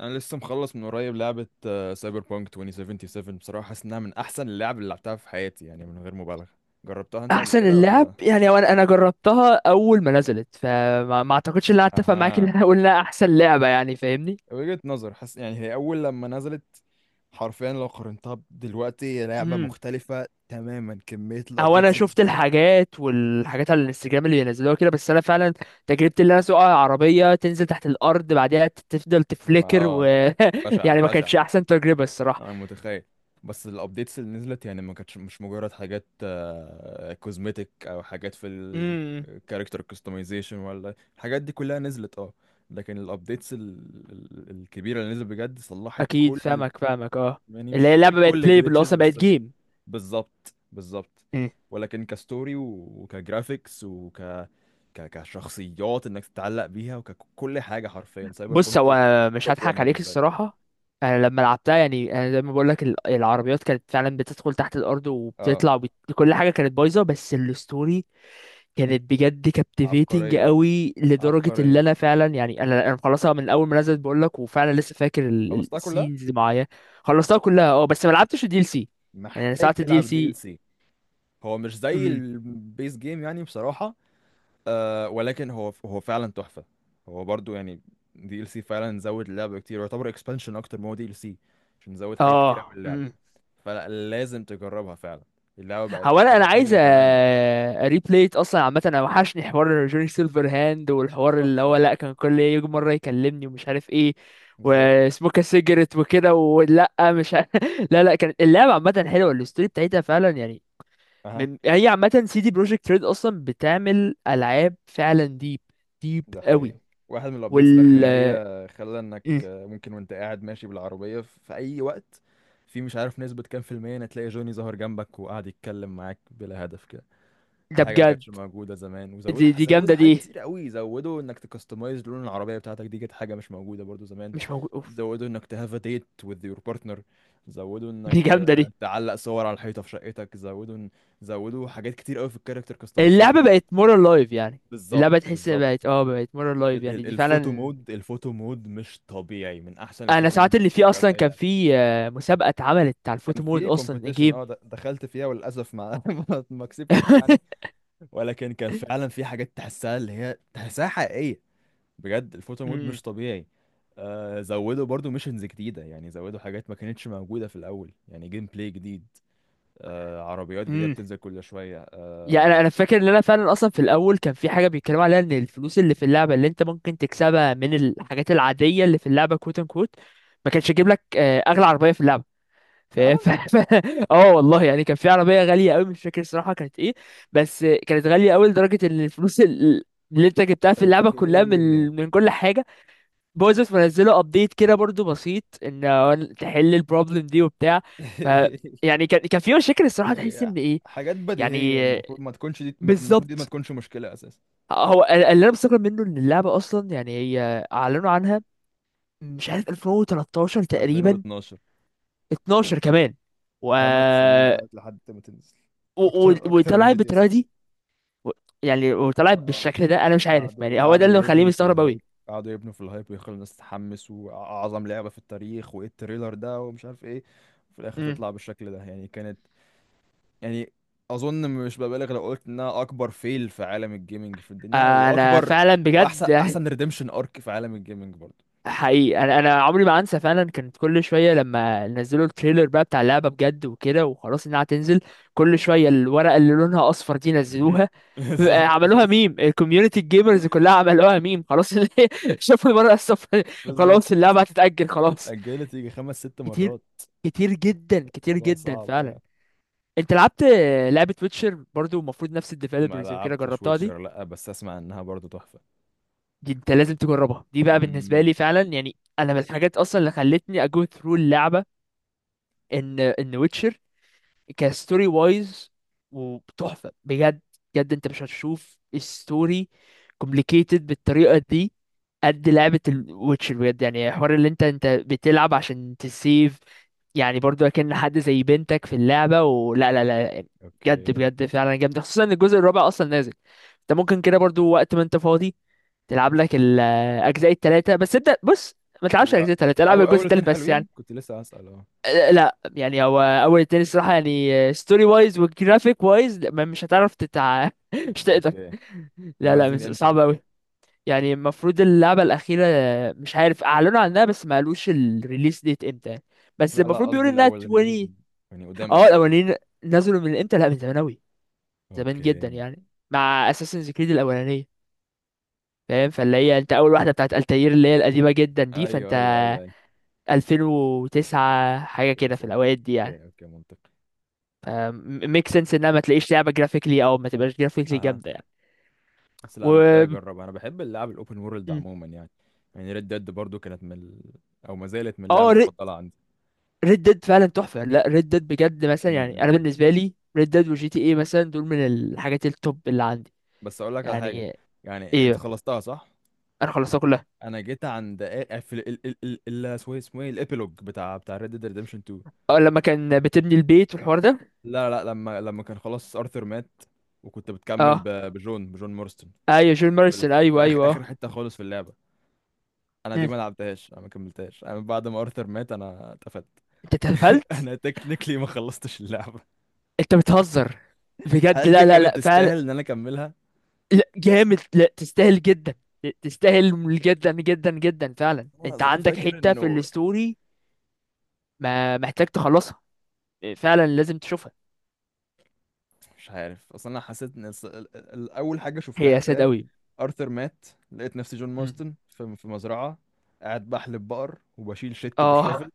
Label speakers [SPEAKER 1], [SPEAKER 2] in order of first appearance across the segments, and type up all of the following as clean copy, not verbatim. [SPEAKER 1] انا لسه مخلص من قريب لعبه سايبر بانك 2077، بصراحه حاسس انها من احسن اللعب اللي لعبتها في حياتي يعني من غير مبالغه. جربتها انت قبل
[SPEAKER 2] احسن
[SPEAKER 1] كده
[SPEAKER 2] اللعب
[SPEAKER 1] ولا؟
[SPEAKER 2] يعني انا جربتها اول ما نزلت. فما ما اعتقدش ان انا اتفق معاك ان
[SPEAKER 1] اها.
[SPEAKER 2] انا اقول انها احسن لعبه، يعني فاهمني.
[SPEAKER 1] وجهه نظر، حاسس يعني هي اول لما نزلت. حرفيا لو قارنتها دلوقتي هي لعبه
[SPEAKER 2] امم
[SPEAKER 1] مختلفه تماما. كميه
[SPEAKER 2] او انا
[SPEAKER 1] الابديتس
[SPEAKER 2] شفت الحاجات والحاجات على الانستجرام اللي بينزلوها كده، بس انا فعلا تجربتي اللي انا اسوق عربيه تنزل تحت الارض بعدها تفضل
[SPEAKER 1] ما
[SPEAKER 2] تفليكر
[SPEAKER 1] بشعه
[SPEAKER 2] يعني ما
[SPEAKER 1] بشعه.
[SPEAKER 2] كانتش احسن تجربه الصراحه.
[SPEAKER 1] انا متخيل. بس الابديتس اللي نزلت يعني ما كانتش مش مجرد حاجات كوزمتيك او حاجات في
[SPEAKER 2] امم
[SPEAKER 1] الكاركتر كاستمايزيشن ولا الحاجات دي كلها نزلت، اه. لكن الابديتس الكبيره اللي نزلت بجد صلحت
[SPEAKER 2] اكيد
[SPEAKER 1] كل،
[SPEAKER 2] فاهمك فاهمك، اه.
[SPEAKER 1] يعني
[SPEAKER 2] اللي هي
[SPEAKER 1] مش هقول
[SPEAKER 2] اللعبه بقت
[SPEAKER 1] كل
[SPEAKER 2] بلاي اللي
[SPEAKER 1] الجلitches،
[SPEAKER 2] اصلا بقت
[SPEAKER 1] بس
[SPEAKER 2] جيم.
[SPEAKER 1] بالظبط بالظبط. ولكن كستوري وكجرافيكس كشخصيات انك تتعلق بيها وككل حاجه. حرفيا سايبر
[SPEAKER 2] بص، هو
[SPEAKER 1] بونك
[SPEAKER 2] مش
[SPEAKER 1] توب 1
[SPEAKER 2] هضحك عليك
[SPEAKER 1] بالنسبه لي،
[SPEAKER 2] الصراحة. أنا لما لعبتها، يعني أنا زي ما بقولك العربيات كانت فعلا بتدخل تحت الأرض
[SPEAKER 1] اه.
[SPEAKER 2] وبتطلع كل حاجة كانت بايظة، بس الستوري كانت بجد كابتيفيتنج
[SPEAKER 1] عبقريه
[SPEAKER 2] قوي، لدرجة اللي
[SPEAKER 1] عبقريه.
[SPEAKER 2] أنا فعلا يعني أنا مخلصها من أول ما نزلت بقولك، وفعلا لسه فاكر
[SPEAKER 1] خلصتها كلها.
[SPEAKER 2] السينز اللي معايا. خلصتها كلها أه، بس ما لعبتش الدي ال سي. يعني أنا
[SPEAKER 1] محتاج
[SPEAKER 2] ساعة الدي
[SPEAKER 1] تلعب
[SPEAKER 2] ال
[SPEAKER 1] الدي ال
[SPEAKER 2] سي.
[SPEAKER 1] سي. هو مش زي
[SPEAKER 2] امم
[SPEAKER 1] البيس جيم يعني بصراحة. آه، ولكن هو هو فعلا تحفة. هو برضو يعني دي ال سي فعلا زود اللعبة كتير، ويعتبر اكسبانشن اكتر ما هو دي ال سي، عشان زود حاجات كتير قوي
[SPEAKER 2] أه
[SPEAKER 1] اللعبة. فلازم تجربها فعلا. اللعبة بقت
[SPEAKER 2] هو انا
[SPEAKER 1] حاجة
[SPEAKER 2] عايز
[SPEAKER 1] تانية تماما.
[SPEAKER 2] ريبليت اصلا عامه. انا وحشني حوار جوني سيلفر هاند، والحوار اللي هو
[SPEAKER 1] تحفة.
[SPEAKER 2] لا كان كل يجي مره يكلمني ومش عارف ايه
[SPEAKER 1] بالظبط.
[SPEAKER 2] وسموك سيجرت وكده ولا مش ع- لا لا، كانت اللعبه عامه حلوه، الستوري بتاعتها فعلا يعني.
[SPEAKER 1] أها.
[SPEAKER 2] من هي عامه سي دي بروجكت ريد اصلا بتعمل العاب فعلا ديب، ديب
[SPEAKER 1] ده
[SPEAKER 2] قوي.
[SPEAKER 1] حقيقي. واحد من الابديتس
[SPEAKER 2] وال
[SPEAKER 1] الاخرانيه خلى انك،
[SPEAKER 2] مم.
[SPEAKER 1] ممكن وانت قاعد ماشي بالعربيه في اي وقت، في مش عارف نسبه كام في المية إن تلاقي جوني ظهر جنبك وقاعد يتكلم معاك بلا هدف كده. دي
[SPEAKER 2] ده
[SPEAKER 1] حاجه ما
[SPEAKER 2] بجد،
[SPEAKER 1] كانتش موجوده زمان، وزودوا
[SPEAKER 2] دي
[SPEAKER 1] زودوا
[SPEAKER 2] جامده دي.
[SPEAKER 1] حاجات كتير قوي، زودوا انك تكستمايز لون العربيه بتاعتك. دي كانت حاجه مش موجوده برضو زمان.
[SPEAKER 2] مش موجود أوف.
[SPEAKER 1] زودوا انك تهاف ديت وذ يور بارتنر. زودوا
[SPEAKER 2] دي
[SPEAKER 1] انك
[SPEAKER 2] جامده دي.
[SPEAKER 1] تعلق صور على الحيطه في شقتك. زودوا حاجات كتير قوي في الكاركتر كاستمايزيشن.
[SPEAKER 2] اللعبة بقت مور لايف يعني.
[SPEAKER 1] بالظبط
[SPEAKER 2] اللعبة تحس إنها
[SPEAKER 1] بالظبط.
[SPEAKER 2] بقت اه بقت مور لايف يعني، دي
[SPEAKER 1] الفوتو
[SPEAKER 2] فعلا.
[SPEAKER 1] مود، الفوتو مود مش طبيعي. من احسن
[SPEAKER 2] انا
[SPEAKER 1] الفوتو
[SPEAKER 2] ساعات
[SPEAKER 1] مود اللي
[SPEAKER 2] اللي فيه
[SPEAKER 1] شفتها
[SPEAKER 2] اصلا
[SPEAKER 1] في اي
[SPEAKER 2] كان
[SPEAKER 1] لعبه.
[SPEAKER 2] فيه مسابقة اتعملت على
[SPEAKER 1] كان
[SPEAKER 2] الفوتو مود
[SPEAKER 1] في
[SPEAKER 2] اصلا
[SPEAKER 1] كومبيتيشن،
[SPEAKER 2] الجيم.
[SPEAKER 1] دخلت فيها، وللاسف ما ما كسبتش يعني. ولكن كان فعلا في حاجات تحسها، اللي هي تحسها حقيقيه. بجد الفوتو مود
[SPEAKER 2] امم
[SPEAKER 1] مش طبيعي. آه، زودوا برضو ميشنز جديده، يعني زودوا حاجات ما كانتش موجوده في الاول يعني جيم بلاي جديد. آه، عربيات جديده
[SPEAKER 2] امم
[SPEAKER 1] بتنزل كل شويه،
[SPEAKER 2] يعني انا
[SPEAKER 1] آه.
[SPEAKER 2] أنا فاكر ان انا فعلا اصلا في الاول كان في حاجه بيتكلموا عليها، ان الفلوس اللي في اللعبه اللي انت ممكن تكسبها من الحاجات العاديه اللي في اللعبه كوت ان كوت ما كانش يجيب لك اغلى عربيه في اللعبه. ف...
[SPEAKER 1] فعلا.
[SPEAKER 2] ف... ف... اه والله، يعني كان في عربيه غاليه قوي، مش فاكر الصراحه كانت ايه، بس كانت غاليه قوي لدرجه ان الفلوس اللي انت جبتها في اللعبه كلها
[SPEAKER 1] اوكي.
[SPEAKER 2] من كل حاجه باظت. منزله ابديت كده برضو بسيط ان هو تحل البروبلم دي وبتاع. ف يعني كان في مشاكل الصراحه، تحس
[SPEAKER 1] هي
[SPEAKER 2] ان ايه.
[SPEAKER 1] حاجات
[SPEAKER 2] يعني
[SPEAKER 1] بديهية، المفروض ما تكونش دي. المفروض دي ما
[SPEAKER 2] بالظبط.
[SPEAKER 1] تكونش مشكلة أساسا.
[SPEAKER 2] هو اللي انا مستغرب منه ان اللعبه اصلا، يعني هي اعلنوا عنها مش عارف 2013 تقريبا،
[SPEAKER 1] 2012.
[SPEAKER 2] 12 كمان. و
[SPEAKER 1] 8 سنين قعدت لحد ما تنزل.
[SPEAKER 2] و-
[SPEAKER 1] أكتر، أكتر من
[SPEAKER 2] وطلع
[SPEAKER 1] جي تي اس
[SPEAKER 2] بالطريقه
[SPEAKER 1] 6.
[SPEAKER 2] دي، و- يعني وطلع
[SPEAKER 1] آه.
[SPEAKER 2] بالشكل ده، انا مش عارف
[SPEAKER 1] قعدوا
[SPEAKER 2] يعني. هو ده
[SPEAKER 1] قعدوا
[SPEAKER 2] اللي مخليني
[SPEAKER 1] يبنوا في
[SPEAKER 2] مستغرب قوي.
[SPEAKER 1] الهايب، قعدوا يبنوا في الهايب ويخلوا الناس تتحمس، وأعظم لعبة في التاريخ وإيه التريلر ده ومش عارف إيه. وفي الآخر
[SPEAKER 2] امم
[SPEAKER 1] تطلع بالشكل ده، يعني كانت، يعني أظن مش ببالغ لو قلت إنها أكبر فيل في عالم الجيمنج في الدنيا،
[SPEAKER 2] انا
[SPEAKER 1] وأكبر
[SPEAKER 2] فعلا
[SPEAKER 1] وأحسن،
[SPEAKER 2] بجد.
[SPEAKER 1] ريديمشن أرك في عالم الجيمنج برضه.
[SPEAKER 2] حقيقي، انا عمري ما انسى، فعلا كانت كل شويه لما نزلوا التريلر بقى بتاع اللعبه بجد وكده وخلاص انها هتنزل، كل شويه الورقه اللي لونها اصفر دي نزلوها، بقى
[SPEAKER 1] بالظبط
[SPEAKER 2] عملوها ميم الكوميونتي، الجيمرز كلها عملوها ميم، خلاص. اللي هي شافوا الورقه الصفر
[SPEAKER 1] بالظبط.
[SPEAKER 2] خلاص، اللعبه هتتاجل، خلاص.
[SPEAKER 1] اتأجلت يجي خمس ست
[SPEAKER 2] كتير،
[SPEAKER 1] مرات.
[SPEAKER 2] كتير جدا، كتير
[SPEAKER 1] الموضوع
[SPEAKER 2] جدا
[SPEAKER 1] صعب
[SPEAKER 2] فعلا.
[SPEAKER 1] يعني.
[SPEAKER 2] انت لعبت لعبة ويتشر برضو، المفروض نفس
[SPEAKER 1] ما
[SPEAKER 2] الديفلوبرز وكده،
[SPEAKER 1] لعبتش
[SPEAKER 2] جربتها دي؟
[SPEAKER 1] ويتشر، لا بس اسمع انها برضو تحفة.
[SPEAKER 2] دي انت لازم تجربها دي بقى، بالنسبة
[SPEAKER 1] امم.
[SPEAKER 2] لي فعلا، يعني انا من الحاجات اصلا اللي خلتني اجو ثرو اللعبة ان ويتشر كستوري وايز وتحفة بجد. بجد انت مش هتشوف ستوري كومبليكيتد بالطريقة دي قد لعبة الويتشر بجد، يعني حوار اللي انت بتلعب عشان تسيف، يعني برضو اكن حد زي بنتك في اللعبة ولا لا لا. بجد
[SPEAKER 1] اوكي.
[SPEAKER 2] بجد فعلا جامدة، خصوصا ان الجزء الرابع اصلا نازل. انت ممكن كده برضو وقت ما انت فاضي تلعب لك الاجزاء التلاتة بس. ابدأ، بص، ما تلعبش
[SPEAKER 1] هو
[SPEAKER 2] الاجزاء التلاتة، العب
[SPEAKER 1] او
[SPEAKER 2] الجزء
[SPEAKER 1] اول
[SPEAKER 2] التالت
[SPEAKER 1] اتنين
[SPEAKER 2] بس يعني.
[SPEAKER 1] حلوين، كنت لسه هسأل، اه.
[SPEAKER 2] اه، لا، يعني هو اول التاني الصراحة، يعني ستوري وايز وجرافيك وايز مش هتعرف مش تقدر.
[SPEAKER 1] اوكي.
[SPEAKER 2] لا
[SPEAKER 1] هما
[SPEAKER 2] لا
[SPEAKER 1] نازلين امتى؟
[SPEAKER 2] صعب قوي. يعني المفروض اللعبة الأخيرة، مش عارف أعلنوا عنها بس ما قالوش الريليس ديت امتى،
[SPEAKER 1] لا
[SPEAKER 2] بس
[SPEAKER 1] لا،
[SPEAKER 2] المفروض
[SPEAKER 1] قصدي
[SPEAKER 2] بيقولوا إنها 20.
[SPEAKER 1] الاولانيين، يعني قدام
[SPEAKER 2] اه،
[SPEAKER 1] قد ايه.
[SPEAKER 2] الأولانيين نزلوا من امتى، لا من زمان أوي، زمان جدا
[SPEAKER 1] اوكي.
[SPEAKER 2] يعني، مع أساسنز كريد الأولانية، فاهم، فاللي هي أنت أول واحدة بتاعت التاير اللي هي القديمة جدا دي، فأنت
[SPEAKER 1] ايوه ايوه ايوه ايوه.
[SPEAKER 2] 2009 حاجة
[SPEAKER 1] يا
[SPEAKER 2] كده في
[SPEAKER 1] ساتر.
[SPEAKER 2] الأوقات دي يعني.
[SPEAKER 1] اوكي اوكي منطقي.
[SPEAKER 2] ميك سنس إنها ما تلاقيش لعبة جرافيكلي أو ما تبقاش جرافيكلي
[SPEAKER 1] اها.
[SPEAKER 2] جامدة يعني.
[SPEAKER 1] بس
[SPEAKER 2] و
[SPEAKER 1] لا، محتاج اجرب. انا بحب اللعب الاوبن وورلد
[SPEAKER 2] م.
[SPEAKER 1] عموما يعني. يعني ريد ديد برضو كانت او ما زالت من اللعب
[SPEAKER 2] اه،
[SPEAKER 1] المفضلة
[SPEAKER 2] ريد ديد فعلا تحفه. لا، ريد ديد بجد مثلا، يعني انا
[SPEAKER 1] عندي.
[SPEAKER 2] بالنسبه لي ريد ديد وجي تي اي مثلا دول من الحاجات التوب اللي عندي
[SPEAKER 1] بس اقول لك على حاجه،
[SPEAKER 2] يعني.
[SPEAKER 1] يعني انت
[SPEAKER 2] ايه؟
[SPEAKER 1] خلصتها صح؟
[SPEAKER 2] انا خلصتها كلها.
[SPEAKER 1] انا جيت عند في ال اسمه ايه الابيلوج بتاع ريد ديد ريدمشن 2.
[SPEAKER 2] اه لما كان بتبني البيت والحوار ده.
[SPEAKER 1] لا لا، لما كان خلاص ارثر مات، وكنت بتكمل
[SPEAKER 2] اه،
[SPEAKER 1] بجون مورستون
[SPEAKER 2] ايوه جون
[SPEAKER 1] في،
[SPEAKER 2] مارسون،
[SPEAKER 1] في
[SPEAKER 2] ايوه
[SPEAKER 1] اخر
[SPEAKER 2] ايوه،
[SPEAKER 1] اخر
[SPEAKER 2] اه.
[SPEAKER 1] حته خالص في اللعبه. انا دي
[SPEAKER 2] مم.
[SPEAKER 1] ما لعبتهاش، انا ما كملتهاش، انا بعد ما ارثر مات انا اتقفلت.
[SPEAKER 2] انت اتقفلت؟
[SPEAKER 1] انا تكنيكلي ما خلصتش اللعبه.
[SPEAKER 2] انت بتهزر؟ بجد؟
[SPEAKER 1] هل دي
[SPEAKER 2] لا لا
[SPEAKER 1] كانت
[SPEAKER 2] لا فعلا.
[SPEAKER 1] تستاهل ان انا اكملها؟
[SPEAKER 2] لا جامد، لا تستاهل جدا، تستاهل جدا جدا جدا فعلا.
[SPEAKER 1] انا
[SPEAKER 2] انت
[SPEAKER 1] أصل أنا
[SPEAKER 2] عندك
[SPEAKER 1] فاكر
[SPEAKER 2] حته في
[SPEAKER 1] انه
[SPEAKER 2] الستوري، ما محتاج تخلصها، فعلا لازم تشوفها.
[SPEAKER 1] مش عارف. اصل انا حسيت ان اول حاجه
[SPEAKER 2] هي
[SPEAKER 1] شفتها،
[SPEAKER 2] اسد
[SPEAKER 1] فاهم،
[SPEAKER 2] قوي.
[SPEAKER 1] ارثر مات. لقيت نفسي جون
[SPEAKER 2] مم.
[SPEAKER 1] ماستن في مزرعه قاعد بحلب بقر وبشيل شت
[SPEAKER 2] اه
[SPEAKER 1] بالشفل.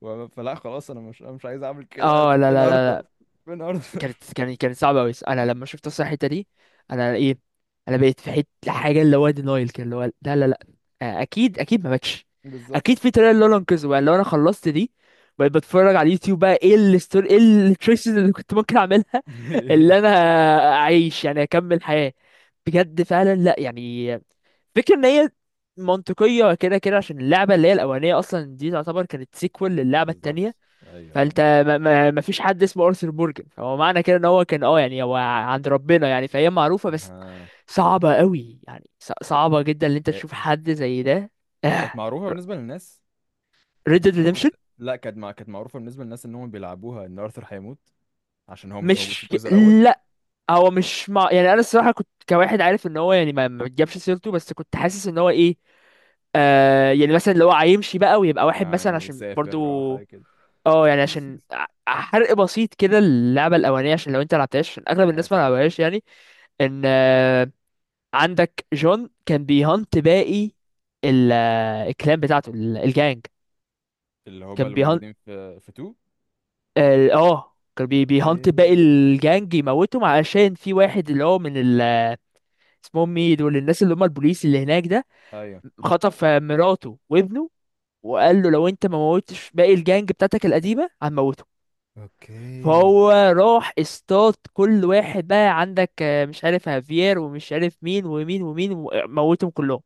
[SPEAKER 1] فلا خلاص، انا مش، أنا مش عايز اعمل كده. انا
[SPEAKER 2] اه، لا
[SPEAKER 1] فين
[SPEAKER 2] لا
[SPEAKER 1] ارثر؟
[SPEAKER 2] لا،
[SPEAKER 1] فين ارثر؟
[SPEAKER 2] كانت صعبة أوي. أنا لما شفت أصلا الحتة دي أنا إيه، أنا بقيت في حتة حاجة اللي هو دينايل كده، اللي هو لا لا لا، أكيد أكيد ما باكش. أكيد
[SPEAKER 1] بالظبط.
[SPEAKER 2] في طريقة اللي أنا أنقذه بقى لو أنا خلصت دي. بقيت بتفرج على اليوتيوب بقى إيه الستوري، إيه التريسز اللي كنت ممكن أعملها. اللي أنا أعيش يعني، أكمل حياة. بجد فعلا لا يعني، فكرة إن هي منطقية كده كده، عشان اللعبة اللي هي الأولانية أصلا دي تعتبر كانت سيكوال للعبة
[SPEAKER 1] بالظبط.
[SPEAKER 2] التانية.
[SPEAKER 1] ايوه
[SPEAKER 2] فانت
[SPEAKER 1] ايوه.
[SPEAKER 2] ما فيش حد اسمه ارثر مورجان، فهو معنى كده ان هو كان يعني هو عند ربنا يعني، فهي معروفه، بس
[SPEAKER 1] آه.
[SPEAKER 2] صعبه قوي يعني، صعبه جدا ان انت
[SPEAKER 1] هي
[SPEAKER 2] تشوف حد زي ده.
[SPEAKER 1] هي كانت معروفه بالنسبه للناس.
[SPEAKER 2] ريد
[SPEAKER 1] اصل
[SPEAKER 2] ديد
[SPEAKER 1] انا
[SPEAKER 2] ريدمشن.
[SPEAKER 1] كنت، لا، كانت معروفه بالنسبه للناس ان هم بيلعبوها ان ارثر هيموت عشان هو مش موجود في
[SPEAKER 2] مش
[SPEAKER 1] الجزء الاول.
[SPEAKER 2] لا، هو مش مع... يعني انا الصراحه كنت كواحد عارف ان هو، يعني ما بتجيبش سيرته، بس كنت حاسس ان هو ايه، آه، يعني مثلا لو هو هيمشي بقى ويبقى واحد مثلا،
[SPEAKER 1] يعني
[SPEAKER 2] عشان
[SPEAKER 1] سافر او
[SPEAKER 2] برضو
[SPEAKER 1] حاجه كده.
[SPEAKER 2] اه يعني عشان حرق بسيط كده، اللعبه الاولانيه عشان لو انت لعبتهاش، عشان اغلب الناس ما
[SPEAKER 1] عادي عادي.
[SPEAKER 2] لعبهاش يعني، ان عندك جون كان بيهانت باقي ال- الكلان بتاعته، الجانج،
[SPEAKER 1] اللي هما
[SPEAKER 2] كان
[SPEAKER 1] اللي
[SPEAKER 2] بيهانت
[SPEAKER 1] موجودين في 2.
[SPEAKER 2] ال- اه كان بي بيهانت باقي
[SPEAKER 1] اوكي.
[SPEAKER 2] الجانج، يموتهم علشان في واحد اللي هو من ال، اسمهم ايه دول الناس اللي هم البوليس اللي هناك ده،
[SPEAKER 1] ايوه.
[SPEAKER 2] خطف مراته وابنه وقال له لو انت ما موتش باقي الجانج بتاعتك القديمة هنموتهم.
[SPEAKER 1] اوكي.
[SPEAKER 2] فهو راح اصطاد كل واحد، بقى عندك مش عارف هافير ومش عارف مين ومين ومين، وموتهم كلهم.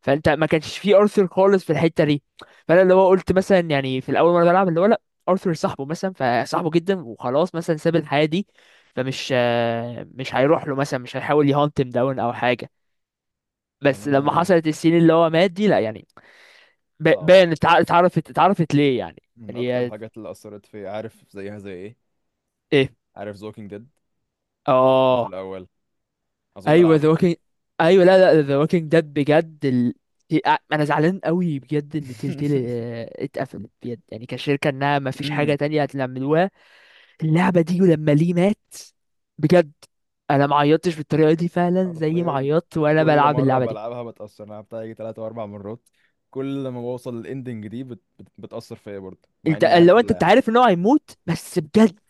[SPEAKER 2] فانت ما كانش فيه ارثر خالص في الحته دي، فانا اللي هو قلت مثلا، يعني في الاول مره بلعب اللي هو لا، ارثر صاحبه مثلا، فصاحبه جدا وخلاص مثلا ساب الحياه دي، فمش مش هيروح له مثلا، مش هيحاول يهانتم داون او حاجه. بس لما
[SPEAKER 1] تمام.
[SPEAKER 2] حصلت السين اللي هو مات دي، لا يعني،
[SPEAKER 1] صعبة.
[SPEAKER 2] باين اتعرفت، ليه يعني.
[SPEAKER 1] من أكتر
[SPEAKER 2] يعني
[SPEAKER 1] الحاجات اللي أثرت فيا، عارف زيها زي إيه؟
[SPEAKER 2] ايه.
[SPEAKER 1] عارف The Walking Dead الجزء
[SPEAKER 2] اه،
[SPEAKER 1] الأول؟ أظن
[SPEAKER 2] ايوه ذا
[SPEAKER 1] لعبته.
[SPEAKER 2] ووكينج، ايوه لا لا، ذا ووكينج ديد بجد ال... انا زعلان قوي بجد ان تلتيل اتقفلت بجد يعني كشركه، انها ما فيش حاجه
[SPEAKER 1] امم.
[SPEAKER 2] تانية هتعملوها. اللعبة دي لما ليه مات بجد، انا ما عيطتش بالطريقة دي فعلا زي ما
[SPEAKER 1] حرفيا
[SPEAKER 2] عيطت وانا
[SPEAKER 1] كل
[SPEAKER 2] بلعب
[SPEAKER 1] مرة
[SPEAKER 2] اللعبة دي.
[SPEAKER 1] بلعبها بتأثر. أنا لعبتها يجي تلات أو أربع مرات. كل ما بوصل للإندنج دي بتأثر فيا برضه، مع
[SPEAKER 2] انت
[SPEAKER 1] إني عارف
[SPEAKER 2] لو
[SPEAKER 1] إيه
[SPEAKER 2] انت
[SPEAKER 1] اللي
[SPEAKER 2] انت
[SPEAKER 1] هيحصل.
[SPEAKER 2] عارف ان هو هيموت، بس بجد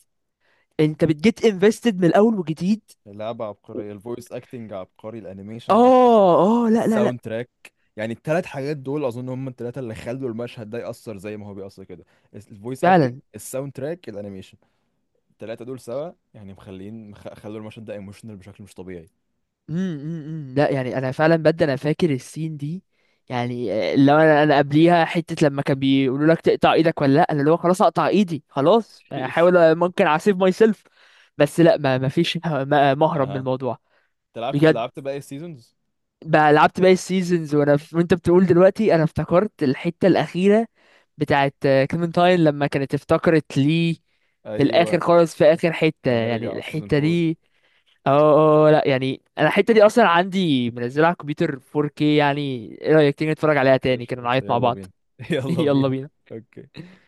[SPEAKER 2] انت بتجيت انفستد من الاول وجديد.
[SPEAKER 1] اللعبة عبقرية، الفويس اكتنج عبقري، الانيميشن عبقري،
[SPEAKER 2] اه اه لا لا لا
[SPEAKER 1] الساوند تراك. يعني التلات حاجات دول اظن هم التلاتة اللي خلوا المشهد ده يأثر زي ما هو بيأثر كده. الفويس اكتنج،
[SPEAKER 2] فعلا.
[SPEAKER 1] الساوند تراك، الانيميشن، التلاتة دول سوا، يعني خلوا المشهد ده ايموشنال بشكل مش طبيعي.
[SPEAKER 2] لا يعني، انا فعلا بجد انا فاكر السين دي. يعني لو انا قبليها حته لما كان بيقولوا لك تقطع ايدك ولا لا، انا اللي هو خلاص اقطع ايدي، خلاص احاول ممكن اسيف ماي سيلف. بس لا، ما فيش مهرب من
[SPEAKER 1] اها.
[SPEAKER 2] الموضوع.
[SPEAKER 1] انت لعبت
[SPEAKER 2] بجد.
[SPEAKER 1] باقي السيزونز؟
[SPEAKER 2] بقى لعبت باقي السيزونز، وانت بتقول دلوقتي، انا افتكرت الحته الاخيره بتاعت كليمنتاين لما كانت، افتكرت ليه، في
[SPEAKER 1] ايوه.
[SPEAKER 2] الاخر خالص في اخر حته
[SPEAKER 1] لما
[SPEAKER 2] يعني
[SPEAKER 1] رجع في سيزون
[SPEAKER 2] الحته
[SPEAKER 1] 4.
[SPEAKER 2] دي. اه اه، لا يعني انا الحته دي اصلا عندي منزلها على الكمبيوتر 4K يعني. ايه رايك تيجي نتفرج عليها تاني كده
[SPEAKER 1] قشطة قشطة،
[SPEAKER 2] نعيط مع
[SPEAKER 1] يلا
[SPEAKER 2] بعض؟
[SPEAKER 1] بينا. يلا
[SPEAKER 2] يلا
[SPEAKER 1] بينا.
[SPEAKER 2] بينا.
[SPEAKER 1] اوكي.